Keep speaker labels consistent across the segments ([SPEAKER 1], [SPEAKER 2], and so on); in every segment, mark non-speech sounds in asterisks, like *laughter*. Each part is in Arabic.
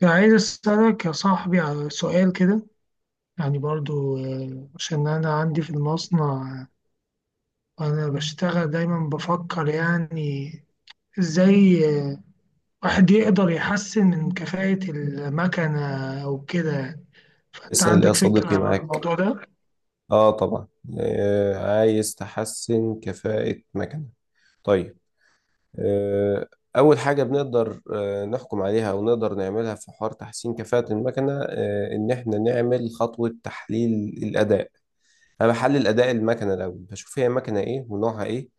[SPEAKER 1] يعني عايز أسألك يا صاحبي على سؤال كده. يعني برضو عشان أنا عندي في المصنع، وأنا بشتغل دايما بفكر يعني إزاي آه، واحد يقدر يحسن من كفاءة المكنة أو كده يعني. فأنت
[SPEAKER 2] اسأل يا
[SPEAKER 1] عندك
[SPEAKER 2] صديقي
[SPEAKER 1] فكرة عن
[SPEAKER 2] معاك.
[SPEAKER 1] الموضوع ده؟
[SPEAKER 2] اه، طبعا. آه، عايز تحسن كفاءة مكنة؟ طيب. آه اول حاجة بنقدر نحكم عليها او نقدر نعملها في حوار تحسين كفاءة المكنة، آه، ان احنا نعمل خطوة تحليل الاداء. انا بحلل اداء المكنة الاول، بشوف هي مكنة ايه ونوعها ايه،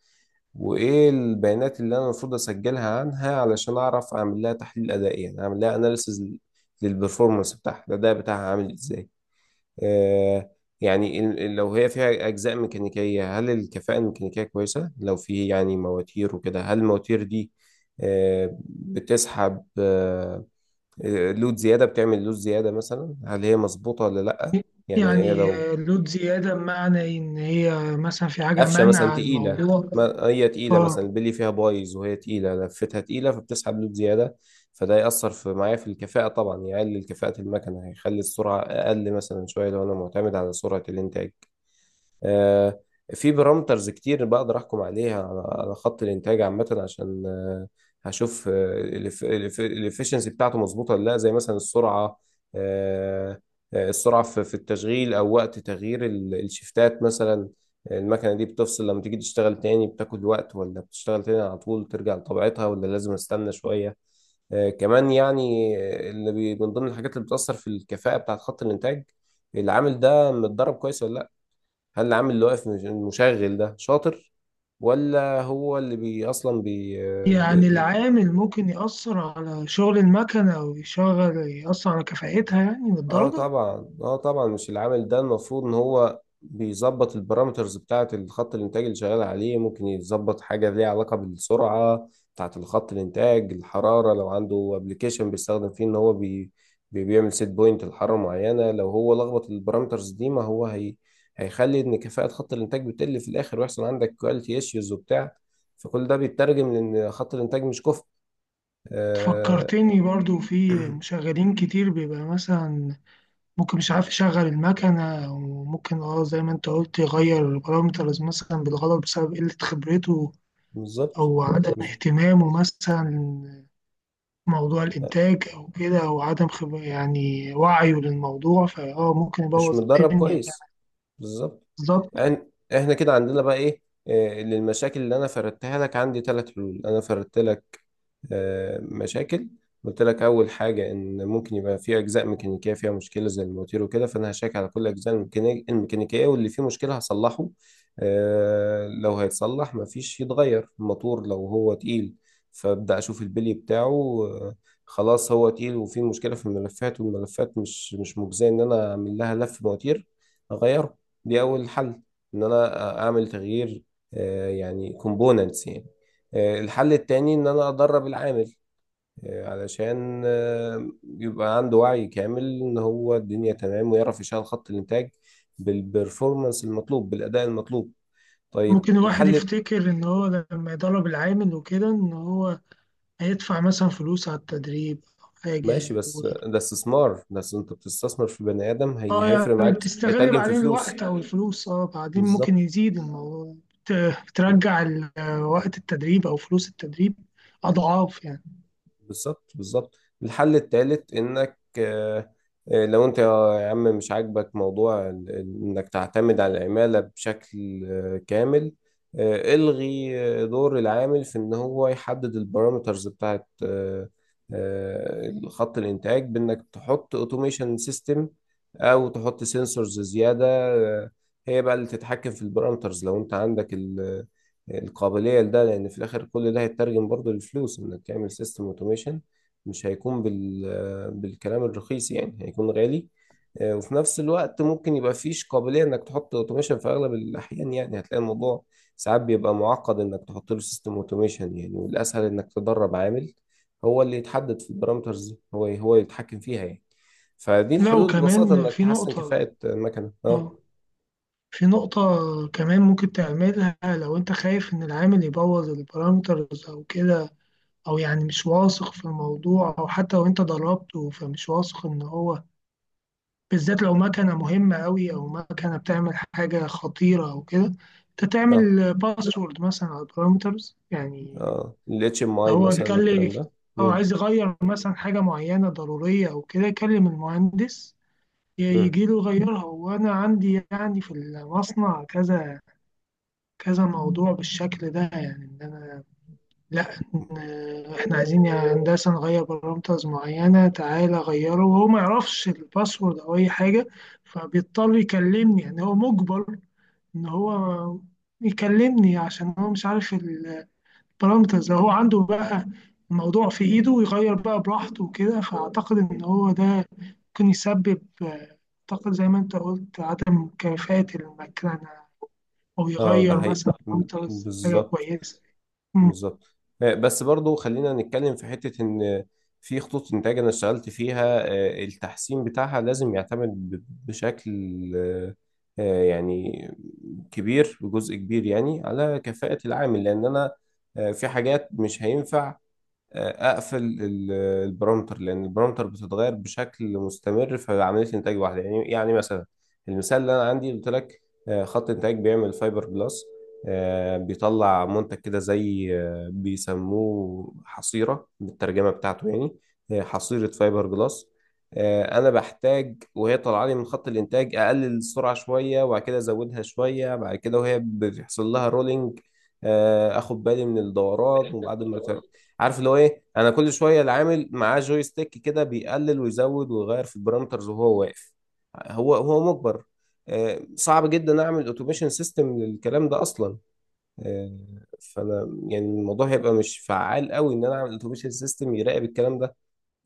[SPEAKER 2] وايه البيانات اللي انا المفروض اسجلها عنها علشان اعرف اعمل لها تحليل ادائي، يعني اعمل لها اناليسز للبرفورمانس بتاعها، الاداء بتاعها عامل ازاي. آه، يعني لو هي فيها أجزاء ميكانيكية، هل الكفاءة الميكانيكية كويسة؟ لو في يعني مواتير وكده، هل المواتير دي بتسحب لود زيادة، بتعمل لود زيادة مثلا، هل هي مظبوطة ولا لأ؟ يعني هي
[SPEAKER 1] يعني
[SPEAKER 2] لو
[SPEAKER 1] لود زيادة بمعنى إن هي مثلا في حاجة
[SPEAKER 2] قفشة مثلا
[SPEAKER 1] منع
[SPEAKER 2] تقيلة،
[SPEAKER 1] الموضوع.
[SPEAKER 2] ما هي تقيلة مثلا،
[SPEAKER 1] اه،
[SPEAKER 2] البلي فيها بايظ وهي تقيلة، لفتها تقيلة، فبتسحب لود زيادة. فده يأثر في معايا في الكفاءة طبعا، يقلل كفاءة المكنة، هيخلي السرعة أقل مثلا شوية لو أنا معتمد على سرعة الإنتاج. آه، في بارامترز كتير بقدر احكم عليها على على خط الانتاج عامه عشان هشوف الافشنسي بتاعته مظبوطه ولا لا، زي مثلا السرعه. آه، السرعه في في التشغيل، او وقت تغيير الشفتات مثلا، المكنه دي بتفصل لما تيجي تشتغل تاني بتاكل وقت، ولا بتشتغل تاني على طول ترجع لطبيعتها، ولا لازم استنى شويه. آه، كمان يعني، آه، من ضمن الحاجات اللي بتأثر في الكفاءة بتاعت خط الإنتاج، العامل ده متدرب كويس ولا؟ هل العامل اللي واقف المشغل ده شاطر، ولا هو اللي بي؟
[SPEAKER 1] يعني العامل ممكن يأثر على شغل المكنة أو يشغل يأثر على كفاءتها يعني
[SPEAKER 2] اه
[SPEAKER 1] للدرجة؟
[SPEAKER 2] طبعا، اه طبعا، مش العامل ده المفروض ان هو بيظبط البارامترز بتاعة الخط الانتاج اللي شغال عليه، ممكن يظبط حاجة ليها علاقة بالسرعة بتاعة الخط الانتاج، الحرارة لو عنده ابلكيشن بيستخدم فيه ان هو بيعمل سيت بوينت لحرارة معينة، لو هو لخبط البارامترز دي، ما هو هي هيخلي ان كفاءة خط الانتاج بتقل في الاخر، ويحصل عندك كواليتي ايشوز وبتاع. فكل ده بيترجم لان خط الانتاج مش كفء. آه،
[SPEAKER 1] فكرتني برضو في مشغلين كتير بيبقى مثلا ممكن مش عارف يشغل المكنة، وممكن اه زي ما انت قلت يغير البارامترز مثلا بالغلط بسبب قلة خبرته
[SPEAKER 2] بالظبط.
[SPEAKER 1] أو عدم
[SPEAKER 2] بالظبط.
[SPEAKER 1] اهتمامه مثلا، موضوع
[SPEAKER 2] آه،
[SPEAKER 1] الإنتاج أو كده، أو عدم خبرة يعني وعيه للموضوع فاه ممكن
[SPEAKER 2] مش
[SPEAKER 1] يبوظ
[SPEAKER 2] متدرب
[SPEAKER 1] الدنيا يعني.
[SPEAKER 2] كويس. بالظبط.
[SPEAKER 1] بالظبط.
[SPEAKER 2] يعني احنا كده عندنا بقى ايه؟ آه، للمشاكل اللي انا فردتها لك، عندي ثلاث حلول. انا فردت لك آه، مشاكل، قلت لك اول حاجه ان ممكن يبقى في اجزاء ميكانيكيه فيها مشكله زي الموتير وكده، فانا هشيك على كل الاجزاء الميكانيكيه، واللي فيه مشكله هصلحه. آه، لو هيتصلح مفيش، يتغير الموتور. لو هو تقيل فابدا اشوف البلي بتاعه. آه، خلاص هو تقيل وفيه مشكله في الملفات، والملفات مش مجزيه ان انا اعمل لها لف مواتير، اغيره. دي اول حل، ان انا اعمل تغيير، آه، يعني كومبوننتس يعني. آه، الحل التاني ان انا ادرب العامل، آه، علشان آه، يبقى عنده وعي كامل ان هو الدنيا تمام، ويعرف يشغل خط الانتاج بالبرفورمانس المطلوب، بالاداء المطلوب. طيب
[SPEAKER 1] ممكن الواحد
[SPEAKER 2] الحل.
[SPEAKER 1] يفتكر إن هو لما يدرب العامل وكده إن هو هيدفع مثلا فلوس على التدريب أو حاجة.
[SPEAKER 2] ماشي، بس ده استثمار، بس انت بتستثمر في بني ادم، هي
[SPEAKER 1] اه،
[SPEAKER 2] هيفرق
[SPEAKER 1] يعني
[SPEAKER 2] معاك،
[SPEAKER 1] بتستغل
[SPEAKER 2] هيترجم في
[SPEAKER 1] بعدين
[SPEAKER 2] فلوس.
[SPEAKER 1] الوقت او الفلوس، اه بعدين ممكن
[SPEAKER 2] بالظبط.
[SPEAKER 1] يزيد الموضوع. بترجع وقت التدريب او فلوس التدريب اضعاف يعني.
[SPEAKER 2] بالظبط. بالظبط. الحل التالت انك آه، آه، لو انت يا عم مش عاجبك موضوع انك تعتمد على العمالة بشكل آه، كامل، آه، الغي آه، دور العامل في ان هو يحدد البارامترز بتاعت آه، آه، خط الانتاج، بانك تحط اوتوميشن سيستم، او تحط سنسورز زيادة، آه، هي بقى اللي تتحكم في البارامترز، لو انت عندك القابلية لده. لأن في الآخر كل ده هيترجم برضه للفلوس، إنك تعمل سيستم أوتوميشن مش هيكون بالكلام الرخيص يعني، هيكون غالي. آه، وفي نفس الوقت ممكن يبقى فيش قابلية إنك تحط أوتوميشن في أغلب الأحيان، يعني هتلاقي الموضوع ساعات بيبقى معقد إنك تحط له سيستم أوتوميشن يعني، والأسهل إنك تدرب عامل هو اللي يتحدد في البارامترز دي، هو يتحكم فيها يعني. فدي
[SPEAKER 1] لا
[SPEAKER 2] الحلول ببساطة
[SPEAKER 1] وكمان
[SPEAKER 2] إنك
[SPEAKER 1] في
[SPEAKER 2] تحسن
[SPEAKER 1] نقطة.
[SPEAKER 2] كفاءة المكنة. اه.
[SPEAKER 1] اه، في نقطة كمان ممكن تعملها لو انت خايف ان العامل يبوظ البارامترز او كده، او يعني مش واثق في الموضوع، او حتى لو انت دربته فمش واثق ان هو، بالذات لو مكنة مهمة أوي أو مكنة بتعمل حاجة خطيرة أو كده، أنت
[SPEAKER 2] اه.
[SPEAKER 1] تعمل باسورد مثلا على البارامترز يعني.
[SPEAKER 2] اه، ال
[SPEAKER 1] لو
[SPEAKER 2] HMI
[SPEAKER 1] هو
[SPEAKER 2] مثلا
[SPEAKER 1] يتكلم
[SPEAKER 2] والكلام ده.
[SPEAKER 1] أو
[SPEAKER 2] مم.
[SPEAKER 1] عايز يغير مثلا حاجة معينة ضرورية أو كده، يكلم المهندس
[SPEAKER 2] مم.
[SPEAKER 1] يجي له يغيرها. وأنا عندي يعني في المصنع كذا كذا موضوع بالشكل ده، يعني إن أنا، لا، احنا عايزين يا هندسة نغير بارامترز معينة، تعالى غيره، وهو ما يعرفش الباسورد او اي حاجة، فبيضطر يكلمني يعني. هو مجبر ان هو يكلمني عشان هو مش عارف البارامترز. لو هو عنده بقى الموضوع في ايده ويغير بقى براحته وكده، فاعتقد ان هو ده ممكن يسبب اعتقد زي ما انت قلت عدم كفاءة المكنة، او
[SPEAKER 2] اه، ده
[SPEAKER 1] يغير
[SPEAKER 2] حقيقي،
[SPEAKER 1] مثلا بارامترز حاجة
[SPEAKER 2] بالظبط.
[SPEAKER 1] كويسة.
[SPEAKER 2] بالظبط. آه، بس برضو خلينا نتكلم في حتة ان في خطوط انتاج انا اشتغلت فيها، آه، التحسين بتاعها لازم يعتمد بشكل آه، آه، يعني كبير، بجزء كبير يعني، على كفاءة العامل. لان انا آه، في حاجات مش هينفع اقفل البرامتر، لان البرامتر بتتغير بشكل مستمر في عمليه انتاج واحده يعني. يعني مثلا المثال اللي انا عندي قلت لك، آه، خط انتاج بيعمل فايبر جلاس، آه، بيطلع منتج كده زي آه، بيسموه حصيره بالترجمه بتاعته يعني، آه، حصيره فايبر جلاس. آه، انا بحتاج وهي طالعه لي من خط الانتاج اقلل السرعه شويه، وبعد كده ازودها شويه بعد كده، وهي بيحصل لها رولينج. آه، اخد بالي من الدورات، وبعد ما عارف اللي هو ايه، انا كل شويه العامل معاه جوي ستيك كده، بيقلل ويزود ويغير في البارامترز وهو واقف، هو هو مجبر. آه، صعب جدا اعمل اوتوميشن سيستم للكلام ده اصلا. آه، فانا يعني الموضوع هيبقى مش فعال قوي ان انا اعمل اوتوميشن سيستم يراقب الكلام ده.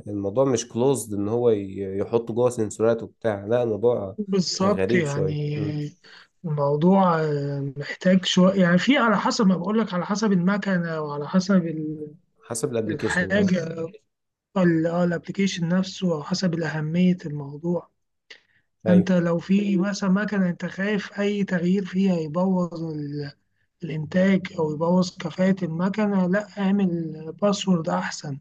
[SPEAKER 2] الموضوع مش كلوزد ان هو يحط جوه سنسورات وبتاع، لا الموضوع
[SPEAKER 1] بالظبط
[SPEAKER 2] غريب شويه.
[SPEAKER 1] يعني.
[SPEAKER 2] مم.
[SPEAKER 1] الموضوع محتاج شوية، يعني في على حسب ما بقول لك، على حسب المكنة وعلى حسب
[SPEAKER 2] حسب الابلكيشن، اه.
[SPEAKER 1] الحاجة ال- الابليكيشن نفسه، أو حسب أهمية الموضوع. أنت
[SPEAKER 2] ايوه.
[SPEAKER 1] لو في مثلا مكنة أنت خايف أي تغيير فيها يبوظ الإنتاج أو يبوظ كفاءة المكنة، لا اعمل باسورد أحسن،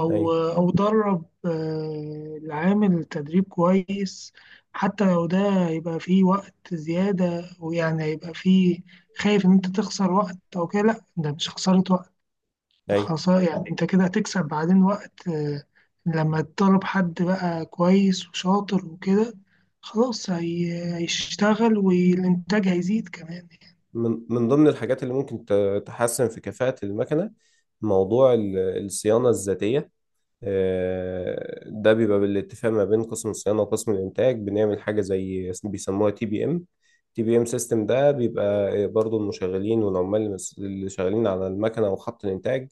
[SPEAKER 1] او
[SPEAKER 2] ايوه.
[SPEAKER 1] او درب العامل تدريب كويس. حتى لو ده هيبقى فيه وقت زيادة ويعني هيبقى فيه، خايف ان انت تخسر وقت او كده، لا ده مش خسارة وقت، ده
[SPEAKER 2] ايوه.
[SPEAKER 1] خسارة يعني. انت كده هتكسب بعدين وقت، لما تطلب حد بقى كويس وشاطر وكده، خلاص هيشتغل والإنتاج هيزيد كمان يعني.
[SPEAKER 2] من ضمن الحاجات اللي ممكن تحسن في كفاءة المكنة موضوع الصيانة الذاتية. آه، ده بيبقى بالاتفاق ما بين قسم الصيانة وقسم الإنتاج، بنعمل حاجة زي بيسموها تي بي إم. تي بي إم سيستم ده بيبقى برضو المشغلين والعمال اللي شغالين على المكنة وخط الإنتاج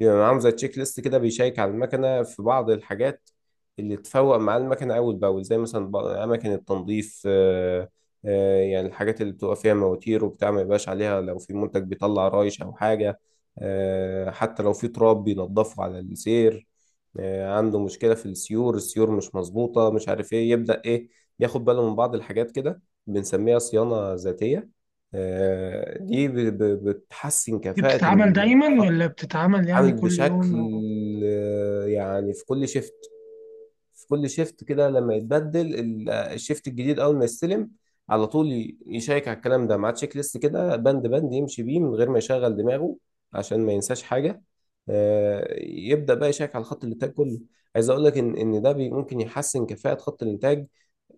[SPEAKER 2] بيبقى معاهم زي تشيك ليست كده، بيشيك على المكنة في بعض الحاجات اللي تفوق مع المكنة أول بأول، زي مثلا أماكن التنظيف، آه، آه، يعني الحاجات اللي بتبقى فيها مواتير وبتاع ما يبقاش عليها لو في منتج بيطلع رايش أو حاجة، آه، حتى لو في تراب بينضفه على السير، آه، عنده مشكلة في السيور، السيور مش مظبوطة، مش عارف ايه يبدأ ايه، ياخد باله من بعض الحاجات كده، بنسميها صيانة ذاتية. آه، دي بتحسن
[SPEAKER 1] دي
[SPEAKER 2] كفاءة
[SPEAKER 1] بتتعمل دايما
[SPEAKER 2] الخط،
[SPEAKER 1] ولا بتتعمل يعني
[SPEAKER 2] عامل
[SPEAKER 1] كل يوم؟
[SPEAKER 2] بشكل آه، يعني في كل شيفت. في كل شيفت كده لما يتبدل الشيفت الجديد، اول ما يستلم على طول يشيك على الكلام ده مع تشيك ليست كده، بند بند يمشي بيه من غير ما يشغل دماغه عشان ما ينساش حاجه. آه، يبدا بقى يشيك على خط الانتاج كله. عايز اقول لك ان ده ممكن يحسن كفاءه خط الانتاج،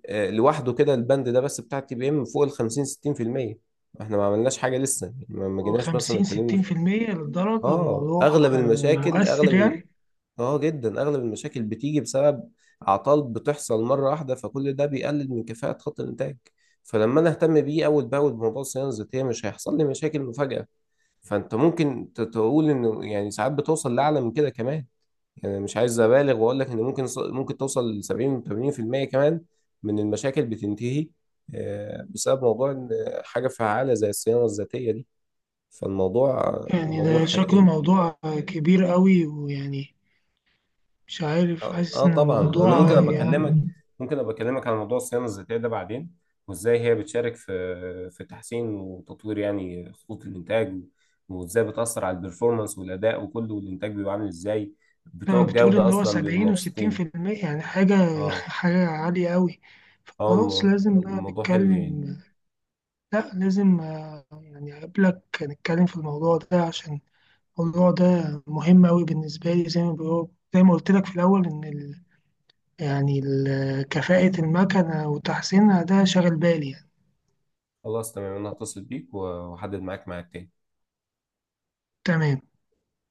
[SPEAKER 2] آه، لوحده كده البند ده بس بتاع تي بي ام فوق ال 50 60%. احنا ما عملناش حاجه لسه يعني، ما جيناش مثلا
[SPEAKER 1] 50
[SPEAKER 2] اتكلمنا
[SPEAKER 1] 60% للدرجة
[SPEAKER 2] اه
[SPEAKER 1] الموضوع
[SPEAKER 2] اغلب المشاكل
[SPEAKER 1] مؤثر
[SPEAKER 2] اغلب.
[SPEAKER 1] يعني؟
[SPEAKER 2] اه جدا اغلب المشاكل بتيجي بسبب اعطال بتحصل مره واحده، فكل ده بيقلل من كفاءه خط الانتاج. فلما انا اهتم بيه اول باول بموضوع الصيانه الذاتيه، مش هيحصل لي مشاكل مفاجاه. فانت ممكن تقول انه يعني ساعات بتوصل لاعلى من كده كمان، يعني مش عايز ابالغ واقول لك ان ممكن ممكن توصل ل 70 و 80% كمان من المشاكل بتنتهي آه، بسبب موضوع إن حاجه فعاله زي الصيانه الذاتيه دي. فالموضوع
[SPEAKER 1] يعني
[SPEAKER 2] موضوع
[SPEAKER 1] ده شكله موضوع كبير قوي ويعني مش عارف،
[SPEAKER 2] اه،
[SPEAKER 1] حاسس
[SPEAKER 2] آه
[SPEAKER 1] إن
[SPEAKER 2] طبعا. انا
[SPEAKER 1] الموضوع
[SPEAKER 2] ممكن ابقى
[SPEAKER 1] يعني،
[SPEAKER 2] اكلمك على موضوع الصيانه الذاتيه ده بعدين، وازاي هي بتشارك في في تحسين وتطوير يعني خطوط الانتاج، وازاي بتاثر على البرفورمانس والاداء وكله، والانتاج بيبقى عامل ازاي، بتوع
[SPEAKER 1] بتقول
[SPEAKER 2] الجوده
[SPEAKER 1] إن هو
[SPEAKER 2] اصلا بيبقوا
[SPEAKER 1] 70
[SPEAKER 2] مبسوطين.
[SPEAKER 1] و60% يعني حاجة، *laughs*
[SPEAKER 2] اه.
[SPEAKER 1] حاجة عالية قوي.
[SPEAKER 2] اه،
[SPEAKER 1] خلاص لازم بقى
[SPEAKER 2] الموضوع حلو يعني.
[SPEAKER 1] نتكلم. لا لازم يعني أقابلك نتكلم في الموضوع ده، عشان الموضوع ده مهم أوي بالنسبة لي. زي ما زي ما قلت لك في الأول إن يعني كفاءة المكنة وتحسينها ده شاغل بالي يعني.
[SPEAKER 2] خلاص تمام، انا هتصل بيك واحدد معاك ميعاد تاني.
[SPEAKER 1] تمام.